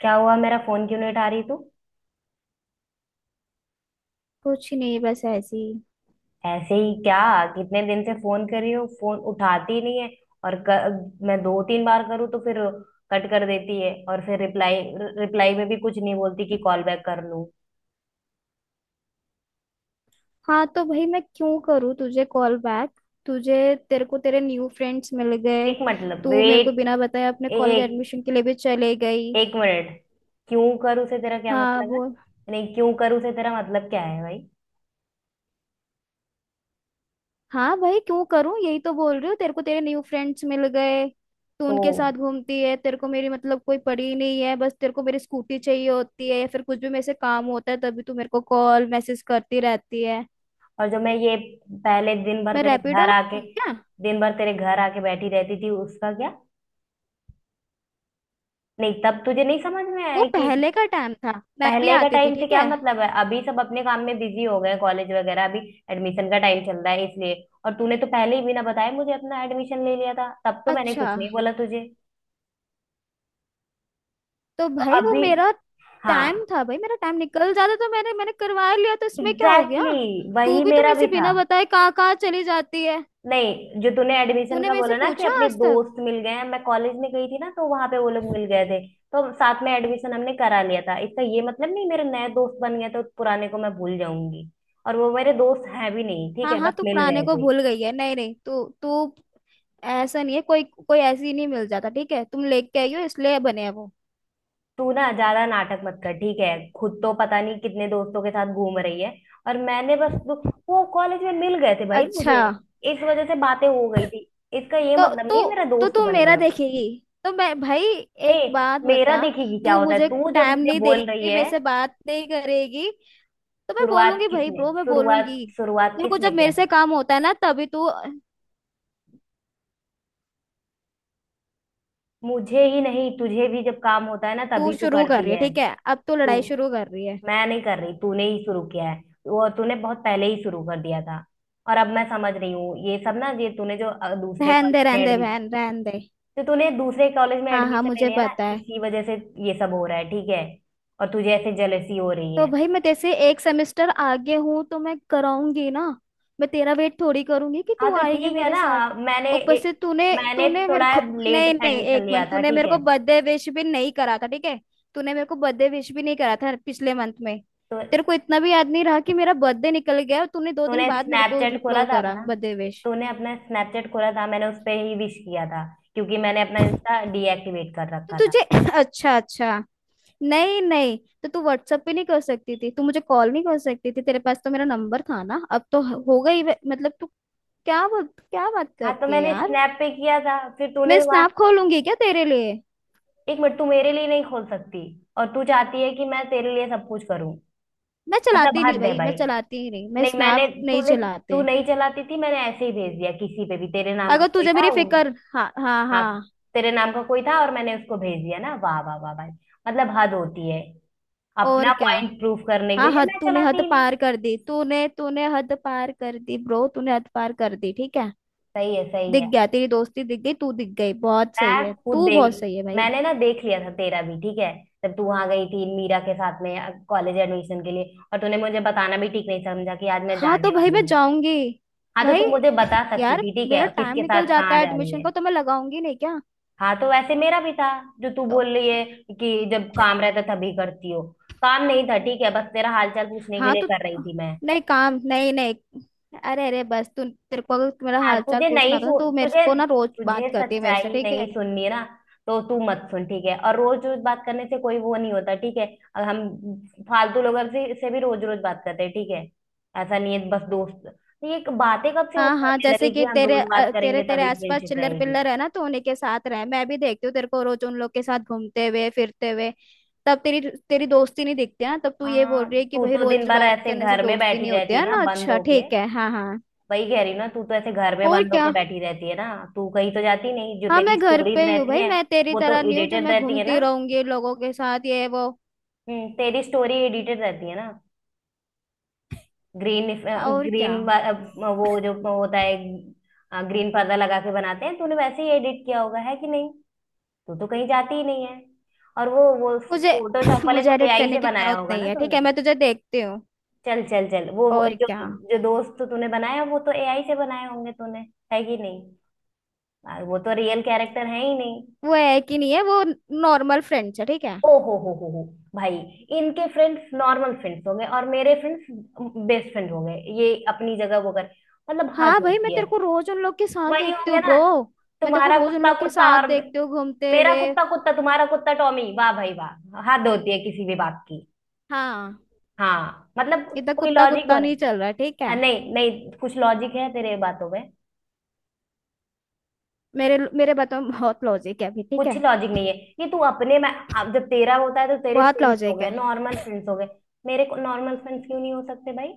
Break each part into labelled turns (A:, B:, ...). A: क्या हुआ? मेरा फोन क्यों नहीं उठा रही तू?
B: कुछ नहीं। बस ऐसी।
A: ऐसे ही क्या? कितने दिन से फोन कर रही हूँ, फोन उठाती ही नहीं है। और मैं दो तीन बार करूँ तो फिर कट कर देती है, और फिर रिप्लाई। रिप्लाई में भी कुछ नहीं बोलती कि कॉल बैक कर लूँ।
B: हाँ, तो भाई मैं क्यों करूँ तुझे कॉल बैक। तुझे तेरे को तेरे न्यू फ्रेंड्स मिल गए।
A: एक मतलब,
B: तू मेरे को
A: वेट।
B: बिना बताए अपने कॉलेज
A: एक
B: एडमिशन के लिए भी चले गई।
A: एक मिनट। क्यों करूँ से तेरा क्या
B: हाँ,
A: मतलब है?
B: बोल।
A: नहीं, क्यों करूँ से तेरा मतलब क्या है भाई?
B: हाँ भाई, क्यों करूँ, यही तो बोल रही हूँ। तेरे को तेरे न्यू फ्रेंड्स मिल गए। तू
A: ओ।
B: उनके साथ घूमती है। तेरे को मेरी, मतलब, कोई पड़ी ही नहीं है। बस तेरे को मेरी स्कूटी चाहिए होती है, या फिर कुछ भी मेरे से काम होता है, तभी तू मेरे को कॉल मैसेज करती रहती है।
A: और जो मैं ये पहले दिन भर
B: मैं
A: तेरे
B: रैपिडो
A: घर
B: में
A: आके
B: थी क्या?
A: दिन भर तेरे घर आके बैठी रहती थी उसका क्या। नहीं तब तुझे नहीं समझ में
B: वो
A: आया कि।
B: पहले का टाइम था, मैं भी
A: पहले का
B: आती थी,
A: टाइम से
B: ठीक
A: क्या
B: है।
A: मतलब है? अभी सब अपने काम में बिजी हो गए हैं, कॉलेज वगैरह। अभी एडमिशन का टाइम चल रहा है इसलिए। और तूने तो पहले ही बिना बताए मुझे अपना एडमिशन ले लिया था, तब तो मैंने
B: अच्छा,
A: कुछ नहीं बोला तुझे।
B: तो
A: तो
B: भाई वो
A: अभी।
B: मेरा टाइम
A: हाँ।
B: था भाई। मेरा टाइम निकल जाता तो मैंने मैंने करवा लिया, तो इसमें क्या हो गया?
A: एग्जैक्टली exactly,
B: तू
A: वही
B: भी तो
A: मेरा
B: मेरे
A: भी
B: से
A: था।
B: बिना बताए कहाँ कहाँ चली जाती है।
A: नहीं, जो तूने एडमिशन
B: तूने
A: का
B: मेरे से
A: बोला ना कि
B: पूछा
A: अपने
B: आज तक?
A: दोस्त मिल गए हैं, मैं कॉलेज में गई थी ना, तो वहां पे वो लोग मिल गए थे। तो साथ में एडमिशन हमने करा लिया था। इसका ये मतलब नहीं मेरे नए दोस्त बन गए तो पुराने को मैं भूल जाऊंगी। और वो मेरे दोस्त हैं भी नहीं, ठीक
B: हाँ
A: है,
B: हाँ,
A: बस
B: तू
A: मिल
B: पुराने
A: गए
B: को
A: थे।
B: भूल गई है। नहीं नहीं, तू तू, ऐसा नहीं है। कोई कोई ऐसी नहीं मिल जाता, ठीक है, तुम लेके आई हो इसलिए बने हैं वो।
A: तू ना ज्यादा नाटक मत कर, ठीक है। खुद तो पता नहीं कितने दोस्तों के साथ घूम रही है। और मैंने बस वो, कॉलेज में मिल गए थे भाई
B: अच्छा,
A: मुझे। इस वजह से बातें हो गई थी। इसका ये
B: तो
A: मतलब नहीं है मेरा
B: तो तो
A: दोस्त
B: तू
A: बन
B: मेरा
A: गया वो।
B: देखेगी, तो मैं भाई,
A: ए,
B: एक बात
A: मेरा
B: बता,
A: देखेगी क्या
B: तू
A: होता है?
B: मुझे
A: तू जब
B: टाइम
A: मुझे
B: नहीं
A: बोल रही
B: देगी,
A: है।
B: मेरे से बात नहीं करेगी, तो मैं बोलूंगी भाई, ब्रो, मैं बोलूंगी।
A: शुरुआत
B: तेरे को
A: किसने
B: जब
A: किया
B: मेरे
A: था?
B: से काम होता है ना, तभी तू।
A: मुझे ही नहीं, तुझे भी जब काम होता है ना
B: तू
A: तभी तू
B: शुरू कर रही
A: करती
B: है,
A: है।
B: ठीक है, अब तू
A: तू
B: लड़ाई शुरू कर रही है।
A: मैं नहीं कर रही, तूने ही शुरू किया है। वो तूने बहुत पहले ही शुरू कर दिया था। और अब मैं समझ रही हूँ ये सब ना, ये तूने जो दूसरे कॉलेज में
B: रहन दे
A: एडमिशन।
B: बहन, रहन दे।
A: तो तूने दूसरे कॉलेज में
B: हाँ हाँ,
A: एडमिशन ले
B: मुझे
A: लिया ना
B: पता है।
A: इसी वजह से ये सब हो रहा है, ठीक है। और तुझे ऐसे जलसी हो रही
B: तो
A: है।
B: भाई मैं जैसे एक सेमेस्टर आगे हूँ, तो मैं कराऊंगी ना। मैं तेरा वेट थोड़ी करूंगी कि
A: हाँ
B: तू
A: तो
B: आएगी
A: ठीक है
B: मेरे
A: ना।
B: साथ।
A: मैंने
B: ऊपर
A: ए-
B: से तूने
A: मैंने
B: तूने मेरे
A: थोड़ा
B: को,
A: लेट
B: नहीं नहीं,
A: एडमिशन
B: एक
A: लिया
B: मिनट।
A: था,
B: तूने
A: ठीक
B: मेरे
A: है।
B: को बर्थडे विश भी नहीं करा था, ठीक है। तूने मेरे को बर्थडे विश भी नहीं करा था पिछले मंथ में।
A: तो
B: तेरे को इतना भी याद नहीं रहा कि मेरा बर्थडे निकल गया, और तूने दो
A: तूने
B: दिन बाद मेरे को
A: स्नैपचैट खोला
B: रिप्लो
A: था
B: करा
A: अपना।
B: Birthday wish.
A: तूने अपना स्नैपचैट खोला था, मैंने उस पर ही विश किया था, क्योंकि मैंने अपना इंस्टा डीएक्टिवेट कर
B: तो
A: रखा था।
B: तुझे अच्छा अच्छा। नहीं नहीं, तो तू व्हाट्सएप पे नहीं कर सकती थी? तू मुझे कॉल नहीं कर सकती थी? तेरे पास तो मेरा नंबर था ना, अब तो हो गई मतलब तू, क्या बात
A: हाँ, तो
B: करती है
A: मैंने
B: यार।
A: स्नैप पे किया था, फिर
B: मैं
A: तूने वहां।
B: स्नैप खोलूंगी क्या तेरे लिए?
A: एक मिनट, तू मेरे लिए नहीं खोल सकती? और तू चाहती है कि मैं तेरे लिए सब कुछ करूं?
B: मैं
A: मतलब
B: चलाती नहीं
A: हद है
B: भाई,
A: भाई।
B: मैं चलाती ही नहीं, मैं
A: नहीं,
B: स्नैप
A: मैंने
B: नहीं
A: तूने
B: चलाते।
A: तू नहीं चलाती थी, मैंने ऐसे ही भेज दिया किसी पे भी, तेरे नाम का
B: अगर
A: कोई
B: तुझे
A: था
B: मेरी
A: वो।
B: फिक्र। हाँ हाँ
A: हाँ,
B: हाँ।
A: तेरे नाम का कोई था और मैंने उसको भेज दिया ना, वाह वाह वाह भाई। मतलब हद होती है।
B: और
A: अपना
B: क्या।
A: पॉइंट प्रूफ करने के
B: हाँ
A: लिए,
B: हद,
A: मैं
B: तूने
A: चलाती
B: हद
A: ही नहीं।
B: पार कर दी, तूने तूने हद पार कर दी ब्रो, तूने हद पार कर दी, ठीक है।
A: सही है, सही
B: दिख
A: है।
B: गया तेरी दोस्ती, दिख गई तू, दिख गई। बहुत सही
A: मैं
B: है
A: खुद
B: तू, बहुत
A: देख
B: सही है भाई।
A: मैंने ना देख लिया था तेरा भी, ठीक है। जब तू वहां गई थी मीरा के साथ में कॉलेज एडमिशन के लिए, और तूने मुझे बताना भी ठीक नहीं समझा कि आज मैं
B: हाँ, तो
A: जाने
B: भाई
A: वाली
B: मैं
A: हूँ।
B: जाऊंगी
A: हाँ तो
B: भाई।
A: तू मुझे बता सकती
B: यार,
A: थी, ठीक
B: मेरा
A: है,
B: टाइम
A: किसके
B: निकल
A: साथ
B: जाता
A: कहाँ
B: है
A: जा रही
B: एडमिशन
A: है।
B: का, तो मैं लगाऊंगी नहीं क्या?
A: हाँ तो वैसे मेरा भी था। जो तू
B: तो।
A: बोल रही है कि जब काम रहता तभी करती हो। काम नहीं था, ठीक है, बस तेरा हालचाल पूछने के
B: हाँ,
A: लिए
B: तो।
A: कर रही थी मैं।
B: नहीं, काम नहीं, नहीं, अरे अरे, बस तू, तेरे को अगर मेरा
A: हाँ,
B: हालचाल पूछना था ना, तो मेरे को ना रोज
A: तुझे
B: बात करती है मेरे से,
A: सच्चाई
B: ठीक
A: नहीं
B: है।
A: सुननी है ना, तो तू मत सुन, ठीक है। और रोज रोज बात करने से कोई वो नहीं होता, ठीक है। और हम फालतू लोगों से भी रोज रोज बात करते हैं, ठीक है। ऐसा नहीं है। बस दोस्त तो ये बातें कब से वो
B: हाँ हाँ,
A: बोलने
B: जैसे
A: लगे कि
B: कि
A: हम
B: तेरे
A: रोज
B: अ,
A: बात
B: तेरे
A: करेंगे
B: तेरे
A: तभी
B: आसपास
A: फ्रेंडशिप
B: चिल्लर
A: रहेगी।
B: पिल्लर है ना, तो उन्हीं के साथ रहे। मैं भी देखती हूँ तेरे को रोज उन लोग के साथ घूमते हुए फिरते हुए। तब तेरी तेरी दोस्ती नहीं दिखती है ना, तब तू ये बोल
A: हाँ,
B: रही है कि
A: तू
B: भाई
A: तो दिन
B: रोज
A: भर
B: बात
A: ऐसे
B: करने से
A: घर में
B: दोस्ती
A: बैठी
B: नहीं होती
A: रहती है
B: है
A: ना,
B: ना।
A: बंद
B: अच्छा,
A: होके।
B: ठीक है, हाँ हाँ।
A: वही कह रही ना, तू तो ऐसे घर में
B: और
A: बंद होके
B: क्या।
A: बैठी रहती है ना। तू कहीं तो जाती नहीं, जो
B: हाँ,
A: तेरी
B: मैं घर पे
A: स्टोरीज
B: ही हूँ
A: रहती
B: भाई,
A: हैं
B: मैं तेरी
A: वो तो
B: तरह नहीं हूँ जो
A: एडिटेड
B: मैं
A: रहती है ना।
B: घूमती रहूंगी लोगों के साथ, ये वो।
A: तेरी स्टोरी एडिटेड रहती है ना। ग्रीन
B: और क्या।
A: ग्रीन वो जो होता है, ग्रीन पर्दा लगा के बनाते हैं, तूने वैसे ही एडिट किया होगा, है कि नहीं। तू तो कहीं जाती ही नहीं है। और वो
B: मुझे
A: फोटोशॉप वाले
B: मुझे
A: तो
B: एडिट
A: एआई
B: करने
A: से
B: की
A: बनाया
B: जरूरत
A: होगा
B: नहीं
A: ना
B: है, ठीक है,
A: तूने।
B: मैं तुझे देखती हूँ।
A: चल चल चल, वो
B: और
A: जो
B: क्या।
A: जो दोस्त तूने बनाया, वो तो एआई से बनाए होंगे तूने, है कि नहीं। वो तो रियल कैरेक्टर है ही नहीं।
B: वो है कि नहीं है वो, नॉर्मल फ्रेंड्स है, ठीक है।
A: ओ हो भाई! इनके फ्रेंड्स नॉर्मल फ्रेंड्स हो गए और मेरे फ्रेंड्स बेस्ट फ्रेंड हो गए, ये अपनी जगह वो कर। मतलब हद
B: हाँ भाई, मैं
A: होती है।
B: तेरे को रोज उन लोग के साथ
A: वही हो
B: देखती
A: गया
B: हूँ
A: ना,
B: ब्रो। मैं तेरे को
A: तुम्हारा
B: रोज उन
A: कुत्ता
B: लोग के
A: कुत्ता
B: साथ देखती हूँ घूमते
A: मेरा
B: हुए।
A: कुत्ता कुत्ता तुम्हारा कुत्ता टॉमी, वाह भाई वाह, हद होती है किसी भी बात की।
B: हाँ।
A: हाँ मतलब,
B: इधर
A: कोई
B: कुत्ता
A: लॉजिक हो
B: कुत्ता
A: रहा
B: नहीं
A: है?
B: चल रहा है, ठीक है।
A: हाँ, नहीं नहीं, कुछ लॉजिक है तेरे बातों में?
B: मेरे मेरे बातों में बहुत लॉजिक है अभी, ठीक
A: कुछ
B: है।
A: लॉजिक नहीं है। ये तू अपने में, अब जब तेरा होता है तो तेरे
B: बहुत
A: फ्रेंड्स हो
B: लॉजिक
A: गए
B: है।
A: नॉर्मल फ्रेंड्स हो गए। मेरे को नॉर्मल फ्रेंड्स क्यों नहीं हो सकते भाई?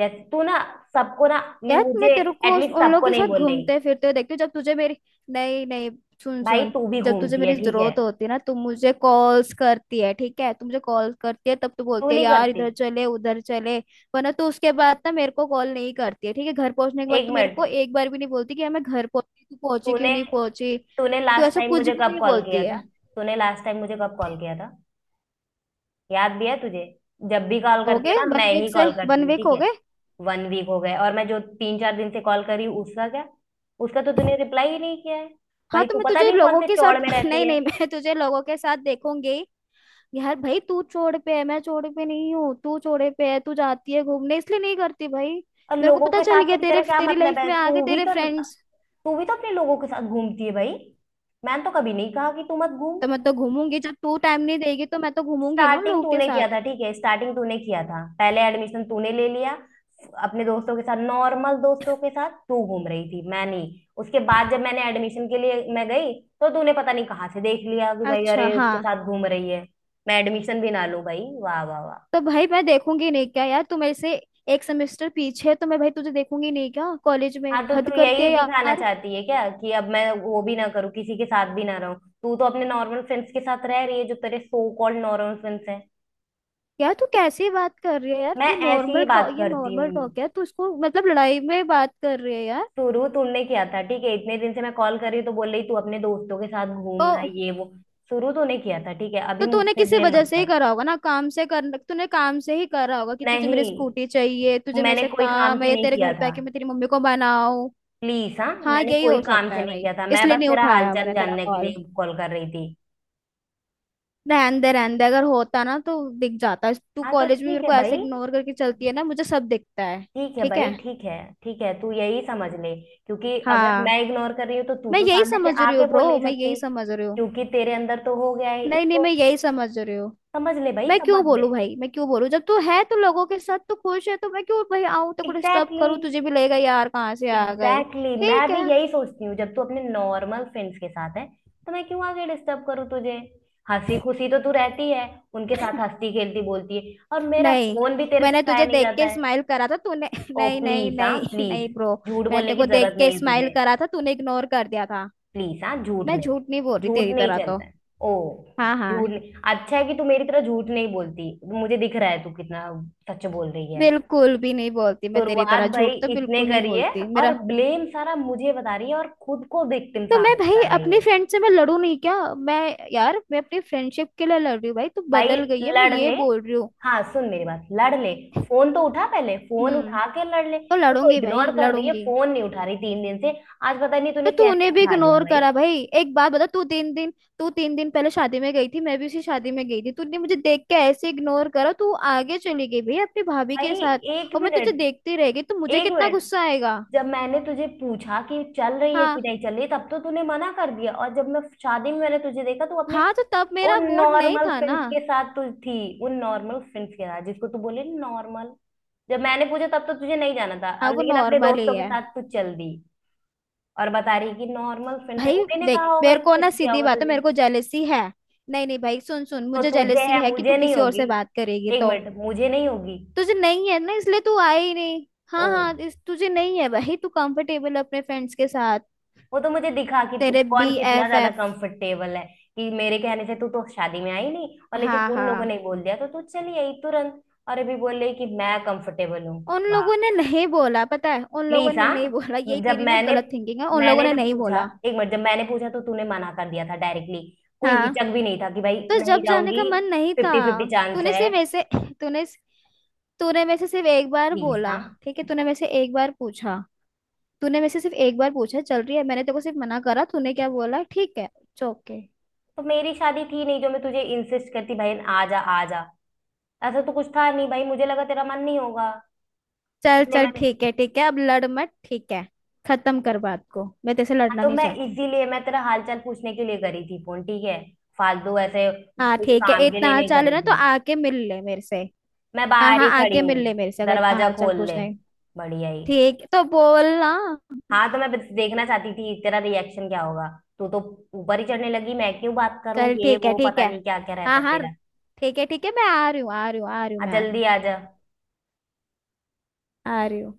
A: जैसे तू ना, सबको ना,
B: यार, मैं
A: मुझे
B: तेरे को
A: एटलीस्ट
B: उन लोगों
A: सबको
B: के
A: नहीं
B: साथ
A: बोल रही।
B: घूमते फिरते हुए देखती हूँ, जब तुझे मेरी। नहीं नहीं, सुन
A: भाई
B: सुन,
A: तू भी
B: जब तुझे
A: घूमती है,
B: मेरी
A: ठीक है।
B: जरूरत होती है ना, तू मुझे कॉल्स करती है, ठीक है, तू मुझे कॉल करती है तब तू
A: तू
B: बोलती है,
A: नहीं
B: यार
A: करती।
B: इधर चले उधर चले। वरना तू उसके बाद ना मेरे को कॉल नहीं करती है, ठीक है। घर पहुंचने के बाद
A: एक
B: तू मेरे को
A: मिनट,
B: एक बार भी नहीं बोलती कि यार मैं घर पहुंची, तू पहुंची कि
A: तूने
B: नहीं पहुंची।
A: तूने
B: तू
A: लास्ट
B: ऐसा
A: टाइम
B: कुछ
A: मुझे
B: भी
A: कब
B: नहीं
A: कॉल
B: बोलती
A: किया
B: है।
A: था? तूने लास्ट टाइम मुझे कब कॉल किया था, याद भी है तुझे? जब भी कॉल
B: हो
A: करती है
B: गए
A: ना,
B: वन
A: मैं
B: वीक
A: ही
B: से
A: कॉल
B: वन
A: करती हूँ,
B: वीक
A: ठीक
B: हो
A: है।
B: गए।
A: 1 वीक हो गए, और मैं जो तीन चार दिन से कॉल कर रही हूँ उसका क्या? उसका तो तूने रिप्लाई ही नहीं किया है।
B: हाँ,
A: भाई
B: तो
A: तू
B: मैं
A: पता
B: तुझे
A: नहीं कौन
B: लोगों
A: से
B: के साथ
A: चौड़ में रहती
B: नहीं
A: है।
B: नहीं, मैं तुझे लोगों के साथ देखूंगी। यार भाई, तू चौड़ पे है, मैं चौड़े पे नहीं हूँ, तू चौड़े पे है, तू जाती है घूमने, इसलिए नहीं करती भाई।
A: और
B: मेरे को
A: लोगों
B: पता
A: के
B: चल
A: साथ से
B: गया,
A: तेरा
B: तेरे,
A: क्या
B: तेरी
A: मतलब
B: लाइफ
A: है?
B: में आ गए
A: तू भी
B: तेरे
A: तो
B: फ्रेंड्स।
A: तू भी तो अपने लोगों के साथ घूमती है भाई। मैंने तो कभी नहीं कहा कि तू मत घूम।
B: तो मैं तो घूमूंगी, जब तू टाइम नहीं देगी, तो मैं तो घूमूंगी ना उन
A: स्टार्टिंग
B: लोगों के
A: तूने
B: साथ।
A: किया था, ठीक है, स्टार्टिंग तूने किया था, पहले एडमिशन तूने ले लिया। अपने दोस्तों के साथ, नॉर्मल दोस्तों के साथ तू घूम रही थी, मैं नहीं। उसके बाद जब मैंने एडमिशन के लिए मैं गई। तो तूने पता नहीं कहाँ से देख लिया कि भाई,
B: अच्छा,
A: अरे,
B: हाँ।
A: उसके साथ घूम रही है। मैं एडमिशन भी ना लूं भाई, वाह वाह वाह।
B: तो भाई मैं देखूंगी नहीं क्या यार, तू मेरे से एक सेमेस्टर पीछे है, तो मैं भाई तुझे देखूंगी नहीं क्या कॉलेज में,
A: हाँ तो
B: हद
A: तू
B: करती
A: यही
B: है
A: दिखाना
B: यार।
A: चाहती है क्या, कि अब मैं वो भी ना करूँ, किसी के साथ भी ना रहूं? तू तो अपने नॉर्मल फ्रेंड्स के साथ रह रही है जो तेरे सो कॉल्ड नॉर्मल फ्रेंड्स हैं।
B: यार तू कैसी बात कर रही है यार,
A: मैं
B: ये
A: ऐसी ही
B: नॉर्मल टॉक
A: बात
B: ये
A: करती
B: नॉर्मल
A: हूँ।
B: टॉक है, तू इसको मतलब लड़ाई में बात कर रही है यार।
A: शुरू तूने किया था, ठीक है, इतने दिन से मैं कॉल कर रही हूँ तो बोल रही तू अपने दोस्तों के साथ
B: ओ।
A: घूमना ये वो। शुरू तूने किया था, ठीक है, अभी
B: तो
A: मुझ
B: तूने
A: पे
B: किसी
A: ब्लेम
B: वजह
A: मत
B: से ही
A: कर।
B: करा होगा ना, काम से कर तूने काम से ही करा होगा कि तुझे मेरी
A: नहीं,
B: स्कूटी चाहिए, तुझे मेरे
A: मैंने
B: से
A: कोई काम
B: काम
A: से
B: है,
A: नहीं
B: तेरे
A: किया
B: घर पे
A: था।
B: आके मैं तेरी मम्मी को बनाऊं।
A: प्लीज हाँ,
B: हाँ,
A: मैंने
B: यही
A: कोई
B: हो
A: काम
B: सकता
A: से
B: है
A: नहीं
B: भाई,
A: किया था, मैं
B: इसलिए
A: बस
B: नहीं
A: तेरा
B: उठाया
A: हालचाल
B: मैंने तेरा
A: जानने के
B: कॉल।
A: लिए कॉल कर रही थी।
B: रहन दे रहन दे, अगर होता ना तो दिख जाता। तू
A: हाँ तो
B: कॉलेज में
A: ठीक
B: मेरे
A: है
B: को ऐसे
A: भाई,
B: इग्नोर करके चलती है ना, मुझे सब दिखता है।
A: ठीक है
B: ठीक
A: भाई,
B: है।
A: ठीक है। ठीक है, तू यही समझ ले। क्योंकि अगर मैं
B: हाँ,
A: इग्नोर कर रही हूँ तो तू
B: मैं
A: तो
B: यही
A: सामने से
B: समझ रही हूँ
A: आके बोल
B: ब्रो,
A: नहीं
B: मैं यही
A: सकती।
B: समझ रही हूँ।
A: क्योंकि तेरे अंदर तो हो गया है
B: नहीं नहीं,
A: ईगो।
B: मैं यही समझ रही हूँ।
A: समझ ले भाई,
B: मैं क्यों
A: समझ ले।
B: बोलूं भाई, मैं क्यों बोलूं? जब तू है तो लोगों के साथ तो खुश है, तो मैं क्यों भाई आऊं तेरे को डिस्टर्ब
A: एग्जैक्टली exactly,
B: करूं, तुझे भी लगेगा यार कहाँ से आ गए।
A: Exactly exactly।
B: ठीक
A: मैं भी
B: है।
A: यही सोचती हूँ, जब तू अपने नॉर्मल फ्रेंड्स के साथ है। तो मैं क्यों आगे डिस्टर्ब करूँ तुझे? हंसी खुशी तो तू रहती है, उनके साथ हंसती खेलती बोलती है, और मेरा
B: नहीं,
A: फोन भी तेरे से
B: मैंने
A: उठाया
B: तुझे
A: नहीं
B: देख
A: जाता
B: के
A: है।
B: स्माइल करा था, तूने
A: ओ
B: नहीं नहीं
A: प्लीज, हाँ
B: नहीं
A: प्लीज,
B: नहीं ब्रो,
A: झूठ
B: मैंने
A: बोलने
B: तेरे
A: की
B: को
A: जरूरत
B: देख के
A: नहीं है
B: स्माइल
A: तुझे।
B: करा था, तूने इग्नोर कर दिया था।
A: प्लीज हाँ, झूठ
B: मैं
A: नहीं,
B: झूठ नहीं बोल रही
A: झूठ
B: तेरी
A: नहीं
B: तरह तो।
A: चलता है। ओ,
B: हाँ
A: झूठ
B: हाँ,
A: नहीं, अच्छा है कि तू मेरी तरह झूठ नहीं बोलती। मुझे दिख रहा है तू कितना सच बोल रही है।
B: बिल्कुल भी नहीं बोलती, मैं तेरी
A: शुरुआत
B: तरह
A: भाई
B: झूठ तो
A: इसने
B: बिल्कुल नहीं
A: करी है,
B: बोलती
A: और
B: मेरा।
A: ब्लेम सारा मुझे बता रही है, और खुद को विक्टिम
B: तो मैं
A: साबित
B: भाई
A: कर रही
B: अपनी
A: है।
B: फ्रेंड से मैं लड़ू नहीं क्या मैं? यार, मैं अपनी फ्रेंडशिप के लिए लड़ रही हूँ भाई, तू
A: भाई
B: बदल गई है, मैं
A: लड़
B: ये
A: ले,
B: बोल रही हूँ।
A: हाँ सुन मेरी बात, लड़ ले। फोन तो उठा, पहले फोन
B: हम्म।
A: उठा के लड़ ले,
B: तो
A: तू तो
B: लड़ूंगी भाई,
A: इग्नोर कर रही है,
B: लड़ूंगी।
A: फोन नहीं उठा रही 3 दिन से। आज पता नहीं
B: तो
A: तूने
B: तू उन्हें
A: कैसे
B: भी
A: उठा लिया
B: इग्नोर
A: भाई।
B: करा भाई, एक बात बता, तू 3 दिन। तू 3 दिन पहले शादी में गई थी, मैं भी उसी शादी में गई थी, तूने मुझे देख के ऐसे इग्नोर करा, तू आगे चली गई भाई अपनी भाभी के
A: भाई,
B: साथ,
A: एक
B: और मैं तुझे
A: मिनट,
B: देखती रह गई, तो मुझे
A: एक
B: कितना
A: मिनट।
B: गुस्सा आएगा।
A: जब मैंने तुझे पूछा कि चल रही है कि
B: हाँ
A: नहीं चल रही, तब तो तूने मना कर दिया, और जब मैं शादी में मैंने तुझे देखा, तू अपने
B: हाँ, तो तब मेरा
A: उन
B: मूड नहीं
A: नॉर्मल
B: था ना।
A: फ्रेंड्स के साथ तू थी। उन नॉर्मल फ्रेंड्स के साथ जिसको तू बोले नॉर्मल। जब मैंने पूछा तब तो तुझे नहीं जाना था,
B: हाँ,
A: अब
B: वो
A: लेकिन अपने
B: नॉर्मल ही
A: दोस्तों के
B: है।
A: साथ तू चल दी। और बता रही कि नॉर्मल फ्रेंड्स है,
B: भाई
A: उन्हीं ने कहा
B: देख,
A: होगा
B: मेरे को
A: इनसे,
B: ना
A: किया
B: सीधी
A: होगा
B: बात है, मेरे
A: तुझे।
B: को जेलेसी है। नहीं नहीं भाई, सुन सुन,
A: तो
B: मुझे
A: तुझे
B: जेलेसी
A: है,
B: है कि तू
A: मुझे नहीं
B: किसी और
A: होगी।
B: से बात करेगी,
A: एक
B: तो
A: मिनट, मुझे नहीं होगी।
B: तुझे नहीं है ना, इसलिए तू आई ही नहीं। हाँ
A: ओ,
B: हाँ, इस तुझे नहीं है भाई, तू कंफर्टेबल अपने फ्रेंड्स के साथ,
A: वो तो मुझे दिखा कि तू
B: तेरे बी
A: कौन कितना
B: एफ
A: ज्यादा
B: एफ
A: कंफर्टेबल है। कि मेरे कहने से तू तो शादी में आई नहीं, और लेकिन
B: हाँ
A: उन लोगों ने
B: हाँ।
A: बोल दिया तो तू चली आई तुरंत। और अभी बोल रही कि मैं कंफर्टेबल हूँ।
B: उन
A: वाह,
B: लोगों ने नहीं बोला, पता है उन लोगों
A: प्लीज
B: ने
A: हाँ।
B: नहीं बोला, यही
A: जब
B: तेरी ना
A: मैंने
B: गलत थिंकिंग है, उन लोगों
A: मैंने
B: ने
A: जब
B: नहीं
A: पूछा,
B: बोला।
A: एक मिनट, जब मैंने पूछा तो तूने मना कर दिया था डायरेक्टली। कोई
B: हाँ,
A: हिचक भी नहीं था कि भाई
B: तो
A: नहीं
B: जब जाने
A: जाऊंगी।
B: का मन नहीं था,
A: 50-50 चांस
B: तूने
A: है।
B: सिर्फ ऐसे तूने तूने मेरे से सिर्फ एक बार
A: प्लीज
B: बोला,
A: हाँ,
B: ठीक है, तूने मेरे से एक बार पूछा। तूने मेरे से सिर्फ एक बार पूछा चल रही है, मैंने तेरे को सिर्फ मना करा, तूने क्या बोला, ठीक है, ओके।
A: तो मेरी शादी थी नहीं जो मैं तुझे इंसिस्ट करती भाई, आ जा आ जा। ऐसा तो कुछ था नहीं भाई, मुझे लगा तेरा मन नहीं होगा,
B: चल
A: इसलिए
B: चल,
A: मैंने।
B: ठीक है ठीक है, अब लड़ मत, ठीक है, खत्म कर बात को, मैं तेरे से
A: हाँ,
B: लड़ना
A: तो
B: नहीं
A: मैं
B: चाहती।
A: इसीलिए, मैं तेरा हालचाल पूछने के लिए करी थी फोन, ठीक है। फालतू ऐसे,
B: हाँ,
A: कुछ
B: ठीक है,
A: काम के
B: इतना
A: लिए
B: हाल
A: नहीं
B: चाल है
A: करी
B: ना तो
A: थी।
B: आके मिल ले मेरे से।
A: मैं
B: हाँ
A: बाहर
B: हाँ,
A: ही खड़ी
B: आके मिल ले
A: हूँ,
B: मेरे से, अगर इतना
A: दरवाजा
B: हाल चाल
A: खोल ले,
B: पूछना है।
A: बढ़िया ही।
B: ठीक, तो बोल ना।
A: हाँ तो मैं बस देखना चाहती थी तेरा रिएक्शन क्या होगा। तू तो ऊपर ही चढ़ने लगी, मैं क्यों बात करूँ
B: चल,
A: ये
B: ठीक है
A: वो,
B: ठीक
A: पता
B: है।
A: नहीं क्या क्या रहता
B: हाँ
A: है
B: हाँ,
A: तेरा।
B: ठीक है ठीक है, मैं आ रही हूँ, आ रही हूँ, आ रही हूँ,
A: हाँ
B: मैं आ रही
A: जल्दी
B: हूँ।
A: आ जा।
B: आ रही हूँ।